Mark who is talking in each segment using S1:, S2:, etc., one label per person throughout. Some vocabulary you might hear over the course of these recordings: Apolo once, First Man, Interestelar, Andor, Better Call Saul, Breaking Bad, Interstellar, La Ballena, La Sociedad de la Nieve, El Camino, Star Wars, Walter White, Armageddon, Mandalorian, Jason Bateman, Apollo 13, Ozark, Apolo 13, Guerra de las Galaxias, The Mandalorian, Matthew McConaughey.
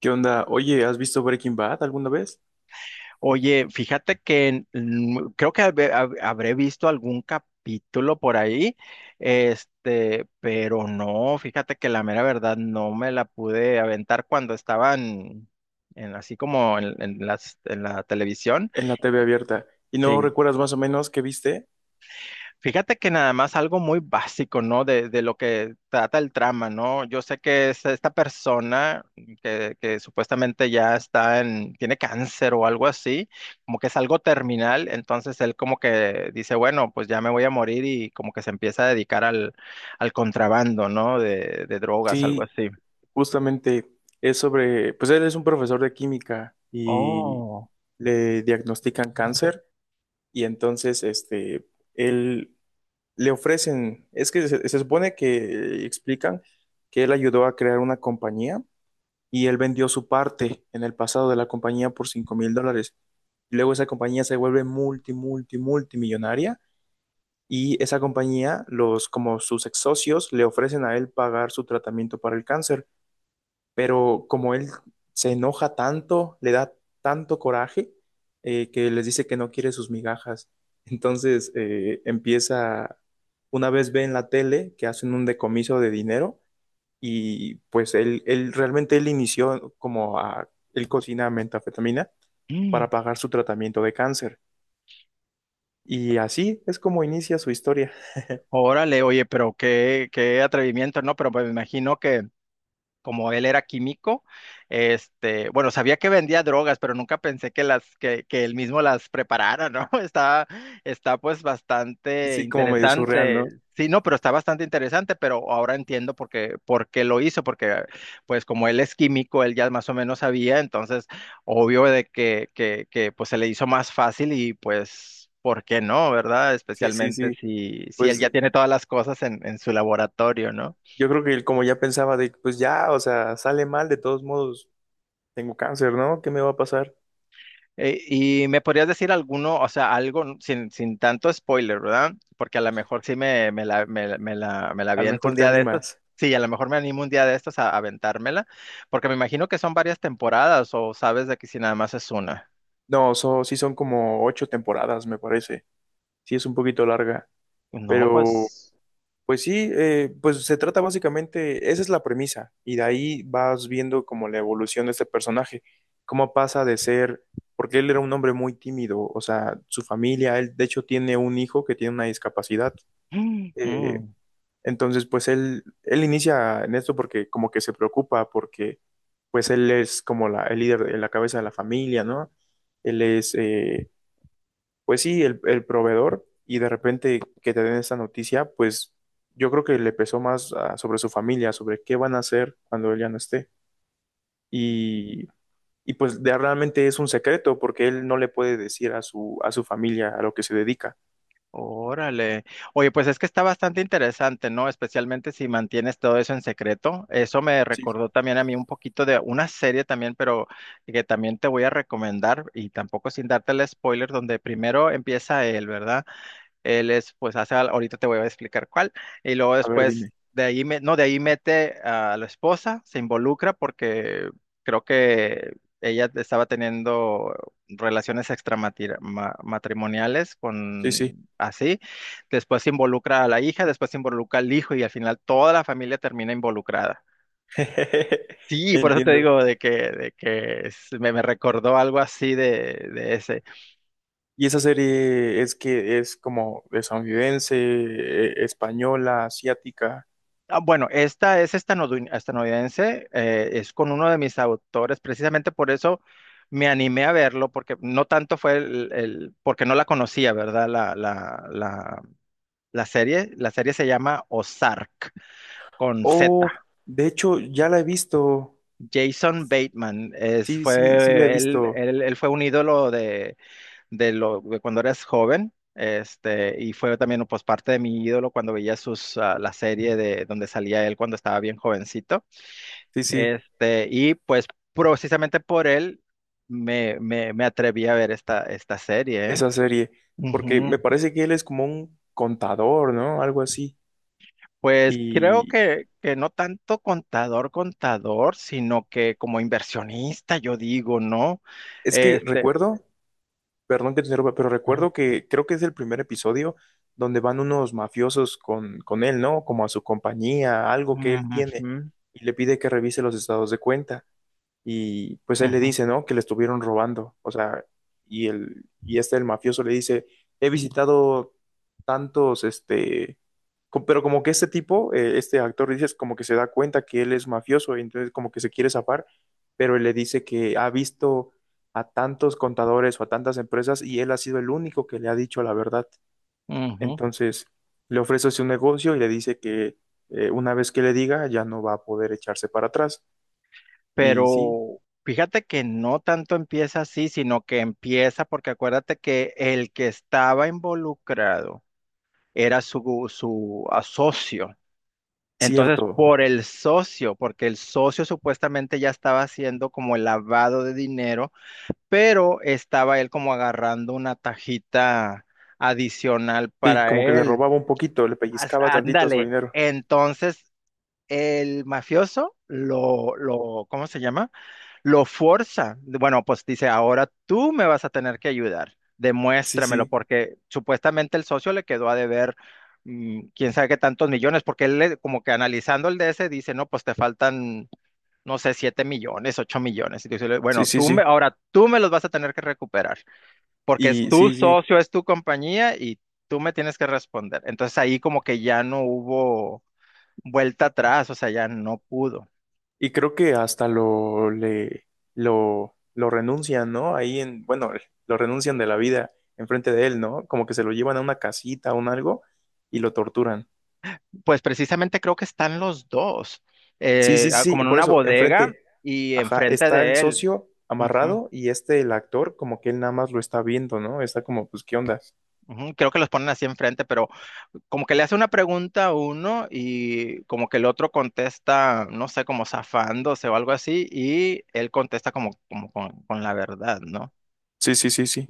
S1: ¿Qué onda? Oye, ¿has visto Breaking Bad alguna vez?
S2: Oye, fíjate que creo que habré visto algún capítulo por ahí, pero no, fíjate que la mera verdad no me la pude aventar cuando estaban en así como en la televisión.
S1: En la TV abierta. ¿Y no
S2: Sí.
S1: recuerdas más o menos qué viste?
S2: Fíjate que nada más algo muy básico, ¿no? De lo que trata el trama, ¿no? Yo sé que es esta persona que supuestamente ya está en, tiene cáncer o algo así, como que es algo terminal, entonces él como que dice, bueno, pues ya me voy a morir y como que se empieza a dedicar al contrabando, ¿no? De drogas, algo
S1: Sí,
S2: así.
S1: justamente es sobre, pues él es un profesor de química y
S2: Oh,
S1: le diagnostican cáncer y entonces, él le ofrecen, es que se supone que explican que él ayudó a crear una compañía y él vendió su parte en el pasado de la compañía por $5,000. Luego esa compañía se vuelve multimillonaria y esa compañía, los, como sus ex socios, le ofrecen a él pagar su tratamiento para el cáncer. Pero como él se enoja tanto, le da tanto coraje, que les dice que no quiere sus migajas. Entonces empieza, una vez ve en la tele que hacen un decomiso de dinero y pues él realmente él inició como a, él cocina metafetamina para
S2: mm,
S1: pagar su tratamiento de cáncer. Y así es como inicia su historia.
S2: órale, oye, pero qué atrevimiento, ¿no? Pero me imagino que como él era químico, bueno, sabía que vendía drogas, pero nunca pensé que que él mismo las preparara, ¿no? Está pues bastante
S1: Sí, como medio surreal,
S2: interesante.
S1: ¿no?
S2: Sí, no, pero está bastante interesante, pero ahora entiendo por por qué lo hizo, porque pues como él es químico, él ya más o menos sabía, entonces obvio de que pues se le hizo más fácil y pues, ¿por qué no, verdad?
S1: Sí, sí,
S2: Especialmente
S1: sí.
S2: si él ya
S1: Pues
S2: tiene todas las cosas en su laboratorio, ¿no?
S1: yo creo que él como ya pensaba de, pues ya, o sea, sale mal, de todos modos, tengo cáncer, ¿no? ¿Qué me va a pasar?
S2: Y me podrías decir alguno, o sea, algo sin tanto spoiler, ¿verdad? Porque a lo mejor sí me la
S1: A lo
S2: aviento
S1: mejor
S2: un
S1: te
S2: día de estos.
S1: animas.
S2: Sí, a lo mejor me animo un día de estos a aventármela, porque me imagino que son varias temporadas o sabes de que si nada más es una.
S1: No, sí son como 8 temporadas, me parece. Sí es un poquito larga,
S2: No,
S1: pero
S2: pues...
S1: pues sí, pues se trata básicamente, esa es la premisa, y de ahí vas viendo como la evolución de este personaje, cómo pasa de ser, porque él era un hombre muy tímido, o sea, su familia, él de hecho tiene un hijo que tiene una discapacidad, eh,
S2: mm,
S1: entonces pues él inicia en esto porque como que se preocupa, porque pues él es como la, el líder, la cabeza de la familia, ¿no? Él es, pues sí, el proveedor y de repente que te den esta noticia, pues yo creo que le pesó más sobre su familia, sobre qué van a hacer cuando él ya no esté. Y, y pues realmente es un secreto porque él no le puede decir a su familia a lo que se dedica.
S2: órale. Oye, pues es que está bastante interesante, ¿no? Especialmente si mantienes todo eso en secreto. Eso me
S1: Sí, sí.
S2: recordó también a mí un poquito de una serie también, pero que también te voy a recomendar y tampoco sin darte el spoiler, donde primero empieza él, ¿verdad? Él es, pues hace, ahorita te voy a explicar cuál. Y luego
S1: A ver,
S2: después
S1: dime.
S2: de ahí, no, de ahí mete a la esposa, se involucra porque creo que ella estaba teniendo relaciones extramatrimoniales
S1: Sí, sí.
S2: con así. Después se involucra a la hija, después se involucra al hijo y al final toda la familia termina involucrada. Sí, por eso te
S1: Entiendo.
S2: digo de que me recordó algo así de ese.
S1: Y esa serie es que es como estadounidense, española, asiática.
S2: Ah, bueno, esta es estadounidense, es con uno de mis autores, precisamente por eso me animé a verlo, porque no tanto fue porque no la conocía, ¿verdad? La serie se llama Ozark, con Z.
S1: Oh, de hecho, ya la he visto.
S2: Jason Bateman, es,
S1: Sí, sí, sí la he
S2: fue, él,
S1: visto.
S2: él, él fue un ídolo de, de cuando eras joven. Este, y fue también pues, parte de mi ídolo cuando veía sus, ah, la serie de donde salía él cuando estaba bien jovencito.
S1: Sí, sí,
S2: Este, y pues precisamente por él me atreví a ver esta serie. ¿Eh?
S1: esa serie, porque me
S2: Ujú.
S1: parece que él es como un contador, ¿no? Algo así.
S2: Pues creo
S1: Y
S2: que no tanto contador, sino que como inversionista, yo digo, ¿no?
S1: es que
S2: Este,
S1: recuerdo, perdón que te interrumpa, pero
S2: ujú.
S1: recuerdo que creo que es el primer episodio donde van unos mafiosos con él, ¿no? Como a su compañía, algo que él tiene,
S2: Ujú,
S1: y le pide que revise los estados de cuenta. Y pues él le
S2: ujú,
S1: dice, ¿no? Que le estuvieron robando, o sea, y el, y este, el mafioso le dice, he visitado tantos, pero como que este tipo, este actor, dices, como que se da cuenta que él es mafioso, y entonces como que se quiere zafar, pero él le dice que ha visto a tantos contadores o a tantas empresas y él ha sido el único que le ha dicho la verdad.
S2: ujú.
S1: Entonces le ofrece su negocio y le dice que una vez que le diga ya no va a poder echarse para atrás. Y sí,
S2: Pero fíjate que no tanto empieza así, sino que empieza porque acuérdate que el que estaba involucrado era su socio. Entonces,
S1: cierto.
S2: por el socio, porque el socio supuestamente ya estaba haciendo como el lavado de dinero, pero estaba él como agarrando una tajita adicional
S1: Sí,
S2: para
S1: como que le
S2: él.
S1: robaba un poquito, le pellizcaba tantito a su
S2: Ándale,
S1: dinero.
S2: entonces el mafioso ¿cómo se llama? Lo forza. Bueno, pues dice, ahora tú me vas a tener que ayudar.
S1: Sí,
S2: Demuéstramelo,
S1: sí,
S2: porque supuestamente el socio le quedó a deber mm, quién sabe qué tantos millones, porque como que analizando el DS dice, no, pues te faltan, no sé, siete millones, ocho millones. Y dice,
S1: sí,
S2: bueno,
S1: sí, sí.
S2: ahora tú me los vas a tener que recuperar, porque es
S1: Y
S2: tu
S1: sí, sí.
S2: socio, es tu compañía y tú me tienes que responder. Entonces ahí como que ya no hubo vuelta atrás, o sea, ya no pudo.
S1: Y creo que hasta lo renuncian, ¿no? Ahí en, bueno, lo renuncian de la vida enfrente de él, ¿no? Como que se lo llevan a una casita o un algo y lo torturan.
S2: Pues precisamente creo que están los dos,
S1: Sí, sí, sí,
S2: como
S1: sí.
S2: en
S1: Por
S2: una
S1: eso,
S2: bodega
S1: enfrente,
S2: y
S1: ajá,
S2: enfrente
S1: está el
S2: de él.
S1: socio
S2: Ujú,
S1: amarrado y el actor, como que él nada más lo está viendo, ¿no? Está como, pues, ¿qué onda?
S2: ujú, creo que los ponen así enfrente, pero como que le hace una pregunta a uno y como que el otro contesta, no sé, como zafándose o algo así, y él contesta como, como con la verdad, ¿no?
S1: Sí, sí, sí, sí.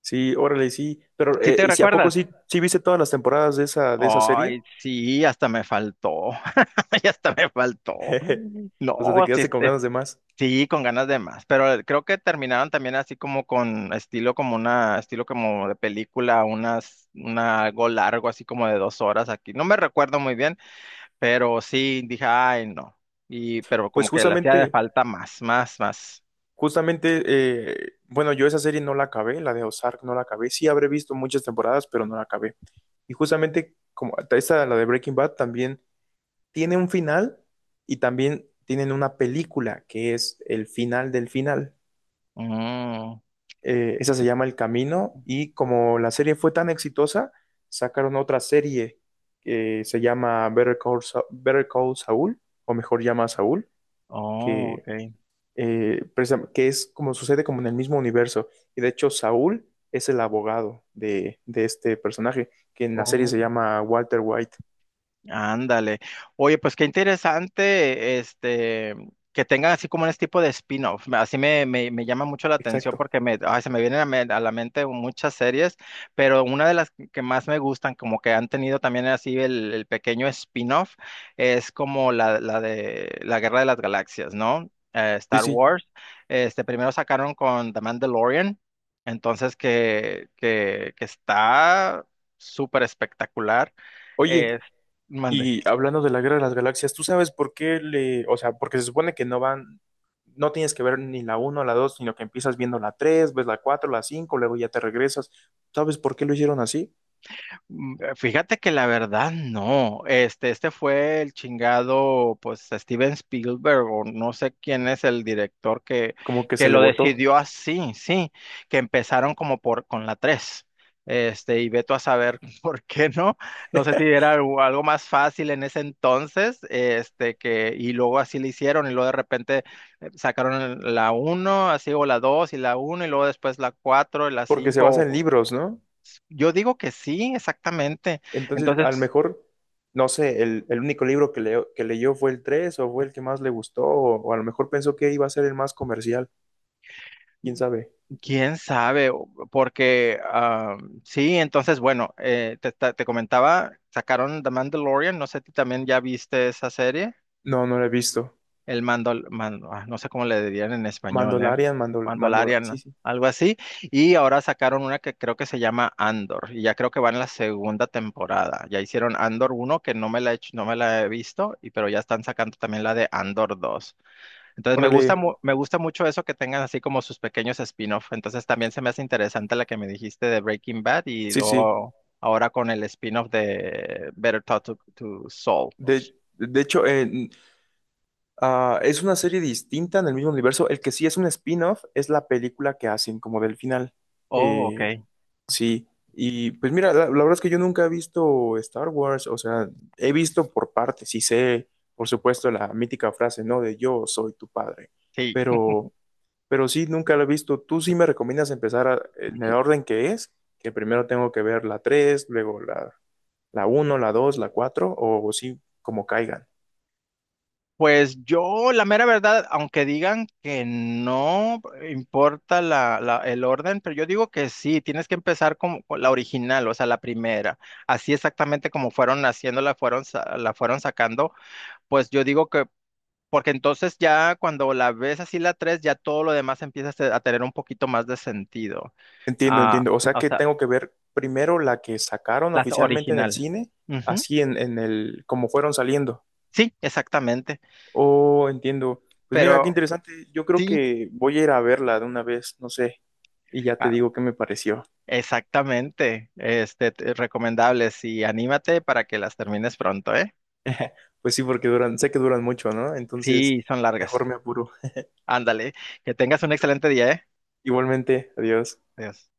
S1: Sí, órale, sí. Pero,
S2: ¿Sí te
S1: ¿sí, a poco
S2: recuerdas?
S1: sí, sí viste todas las temporadas de esa serie?
S2: Ay, sí, hasta me faltó, y hasta me faltó.
S1: Jeje. O sea, te
S2: No, sí,
S1: quedaste con ganas de más.
S2: sí, con ganas de más, pero creo que terminaron también así como con estilo como una, estilo como de película, algo largo, así como de dos horas aquí. No me recuerdo muy bien, pero sí dije, ay, no. Y, pero
S1: Pues
S2: como que le hacía de
S1: justamente,
S2: falta más.
S1: justamente, bueno, yo esa serie no la acabé, la de Ozark no la acabé. Sí habré visto muchas temporadas, pero no la acabé. Y justamente, como esta, la de Breaking Bad, también tiene un final y también tienen una película que es el final del final.
S2: Mm,
S1: Esa se llama El Camino y como la serie fue tan exitosa, sacaron otra serie que se llama Better Call Saul, o mejor llama a Saúl,
S2: oh,
S1: que,
S2: ok.
S1: que es como sucede como en el mismo universo. Y de hecho Saúl es el abogado de este personaje, que en la serie se
S2: Oh.
S1: llama Walter White.
S2: Ándale. Oye, pues qué interesante, este, que tengan así como este tipo de spin-off. Así me llama mucho la atención
S1: Exacto.
S2: porque me, ay, se me vienen a la mente muchas series, pero una de las que más me gustan, como que han tenido también así el pequeño spin-off, es como la de la Guerra de las Galaxias, ¿no?
S1: Sí,
S2: Star
S1: sí.
S2: Wars. Este, primero sacaron con The Mandalorian, entonces que está súper espectacular.
S1: Oye,
S2: Eh, Mande.
S1: y hablando de la Guerra de las Galaxias, ¿tú sabes por qué le, o sea, porque se supone que no van, no tienes que ver ni la uno o la 2, sino que empiezas viendo la 3, ves la 4, la 5, luego ya te regresas? ¿Sabes por qué lo hicieron así?
S2: Mm, fíjate que la verdad no. Este fue el chingado, pues, Steven Spielberg, o no sé quién es el director
S1: Como que
S2: que
S1: se le
S2: lo
S1: votó,
S2: decidió así, sí, que empezaron como por con la tres. Este, y veto a saber por qué no. No sé si era algo más fácil en ese entonces, este, que, y luego así lo hicieron, y luego de repente sacaron la uno así, o la 2 y la uno y luego después la 4 y la
S1: porque se basa en
S2: cinco.
S1: libros, ¿no?
S2: Yo digo que sí, exactamente.
S1: Entonces, a lo
S2: Entonces,
S1: mejor, no sé, el, único libro que leyó fue el 3 o fue el que más le gustó, o a lo mejor pensó que iba a ser el más comercial, quién sabe.
S2: quién sabe, porque ah, sí, entonces, bueno, te comentaba, sacaron The Mandalorian, no sé si también ya viste esa serie,
S1: No, no lo he visto.
S2: el ah, no sé cómo le dirían en español, ¿eh?
S1: Mandalorian, Mandol, Mandol, sí,
S2: Mandalorian,
S1: sí.
S2: algo así, y ahora sacaron una que creo que se llama Andor, y ya creo que va en la segunda temporada, ya hicieron Andor uno que no me la he hecho- no me la he visto, y, pero ya están sacando también la de Andor 2. Entonces me gusta,
S1: Órale,
S2: me gusta mucho eso que tengan así como sus pequeños spin-off. Entonces también se me hace interesante la que me dijiste de Breaking Bad y
S1: sí, sí.
S2: luego ahora con el spin-off de Better Talk to Saul.
S1: De hecho, es una serie distinta en el mismo universo. El que sí es un spin-off es la película que hacen como del final.
S2: Oh, ok.
S1: Eh, sí, y pues mira, la verdad es que yo nunca he visto Star Wars, o sea, he visto por partes y sé, por supuesto, la mítica frase, ¿no? De yo soy tu padre,
S2: Sí.
S1: pero, pero sí, nunca la he visto. ¿Tú sí me recomiendas empezar en el orden que es? Que primero tengo que ver la 3, luego la uno, la 2, la 4. O sí, como caigan.
S2: Pues yo, la mera verdad, aunque digan que no importa el orden, pero yo digo que sí, tienes que empezar como con la original, o sea, la primera. Así exactamente como fueron haciéndola, la fueron sacando, pues yo digo que porque entonces ya cuando la ves así la 3 ya todo lo demás empieza a a tener un poquito más de sentido.
S1: Entiendo,
S2: Ah,
S1: entiendo. O sea
S2: o
S1: que
S2: sea,
S1: tengo que ver primero la que sacaron
S2: la
S1: oficialmente en el
S2: original.
S1: cine,
S2: Ujú.
S1: así en, el, como fueron saliendo.
S2: Sí, exactamente.
S1: Oh, entiendo. Pues mira, qué
S2: Pero
S1: interesante. Yo creo
S2: sí,
S1: que voy a ir a verla de una vez, no sé, y ya te
S2: ah,
S1: digo qué me pareció.
S2: exactamente. Este, recomendables y anímate para que las termines pronto, ¿eh?
S1: Pues sí, porque duran, sé que duran mucho, ¿no? Entonces,
S2: Sí, son largas.
S1: mejor me apuro.
S2: Ándale. Que tengas un excelente día, ¿eh?
S1: Igualmente, adiós.
S2: Adiós.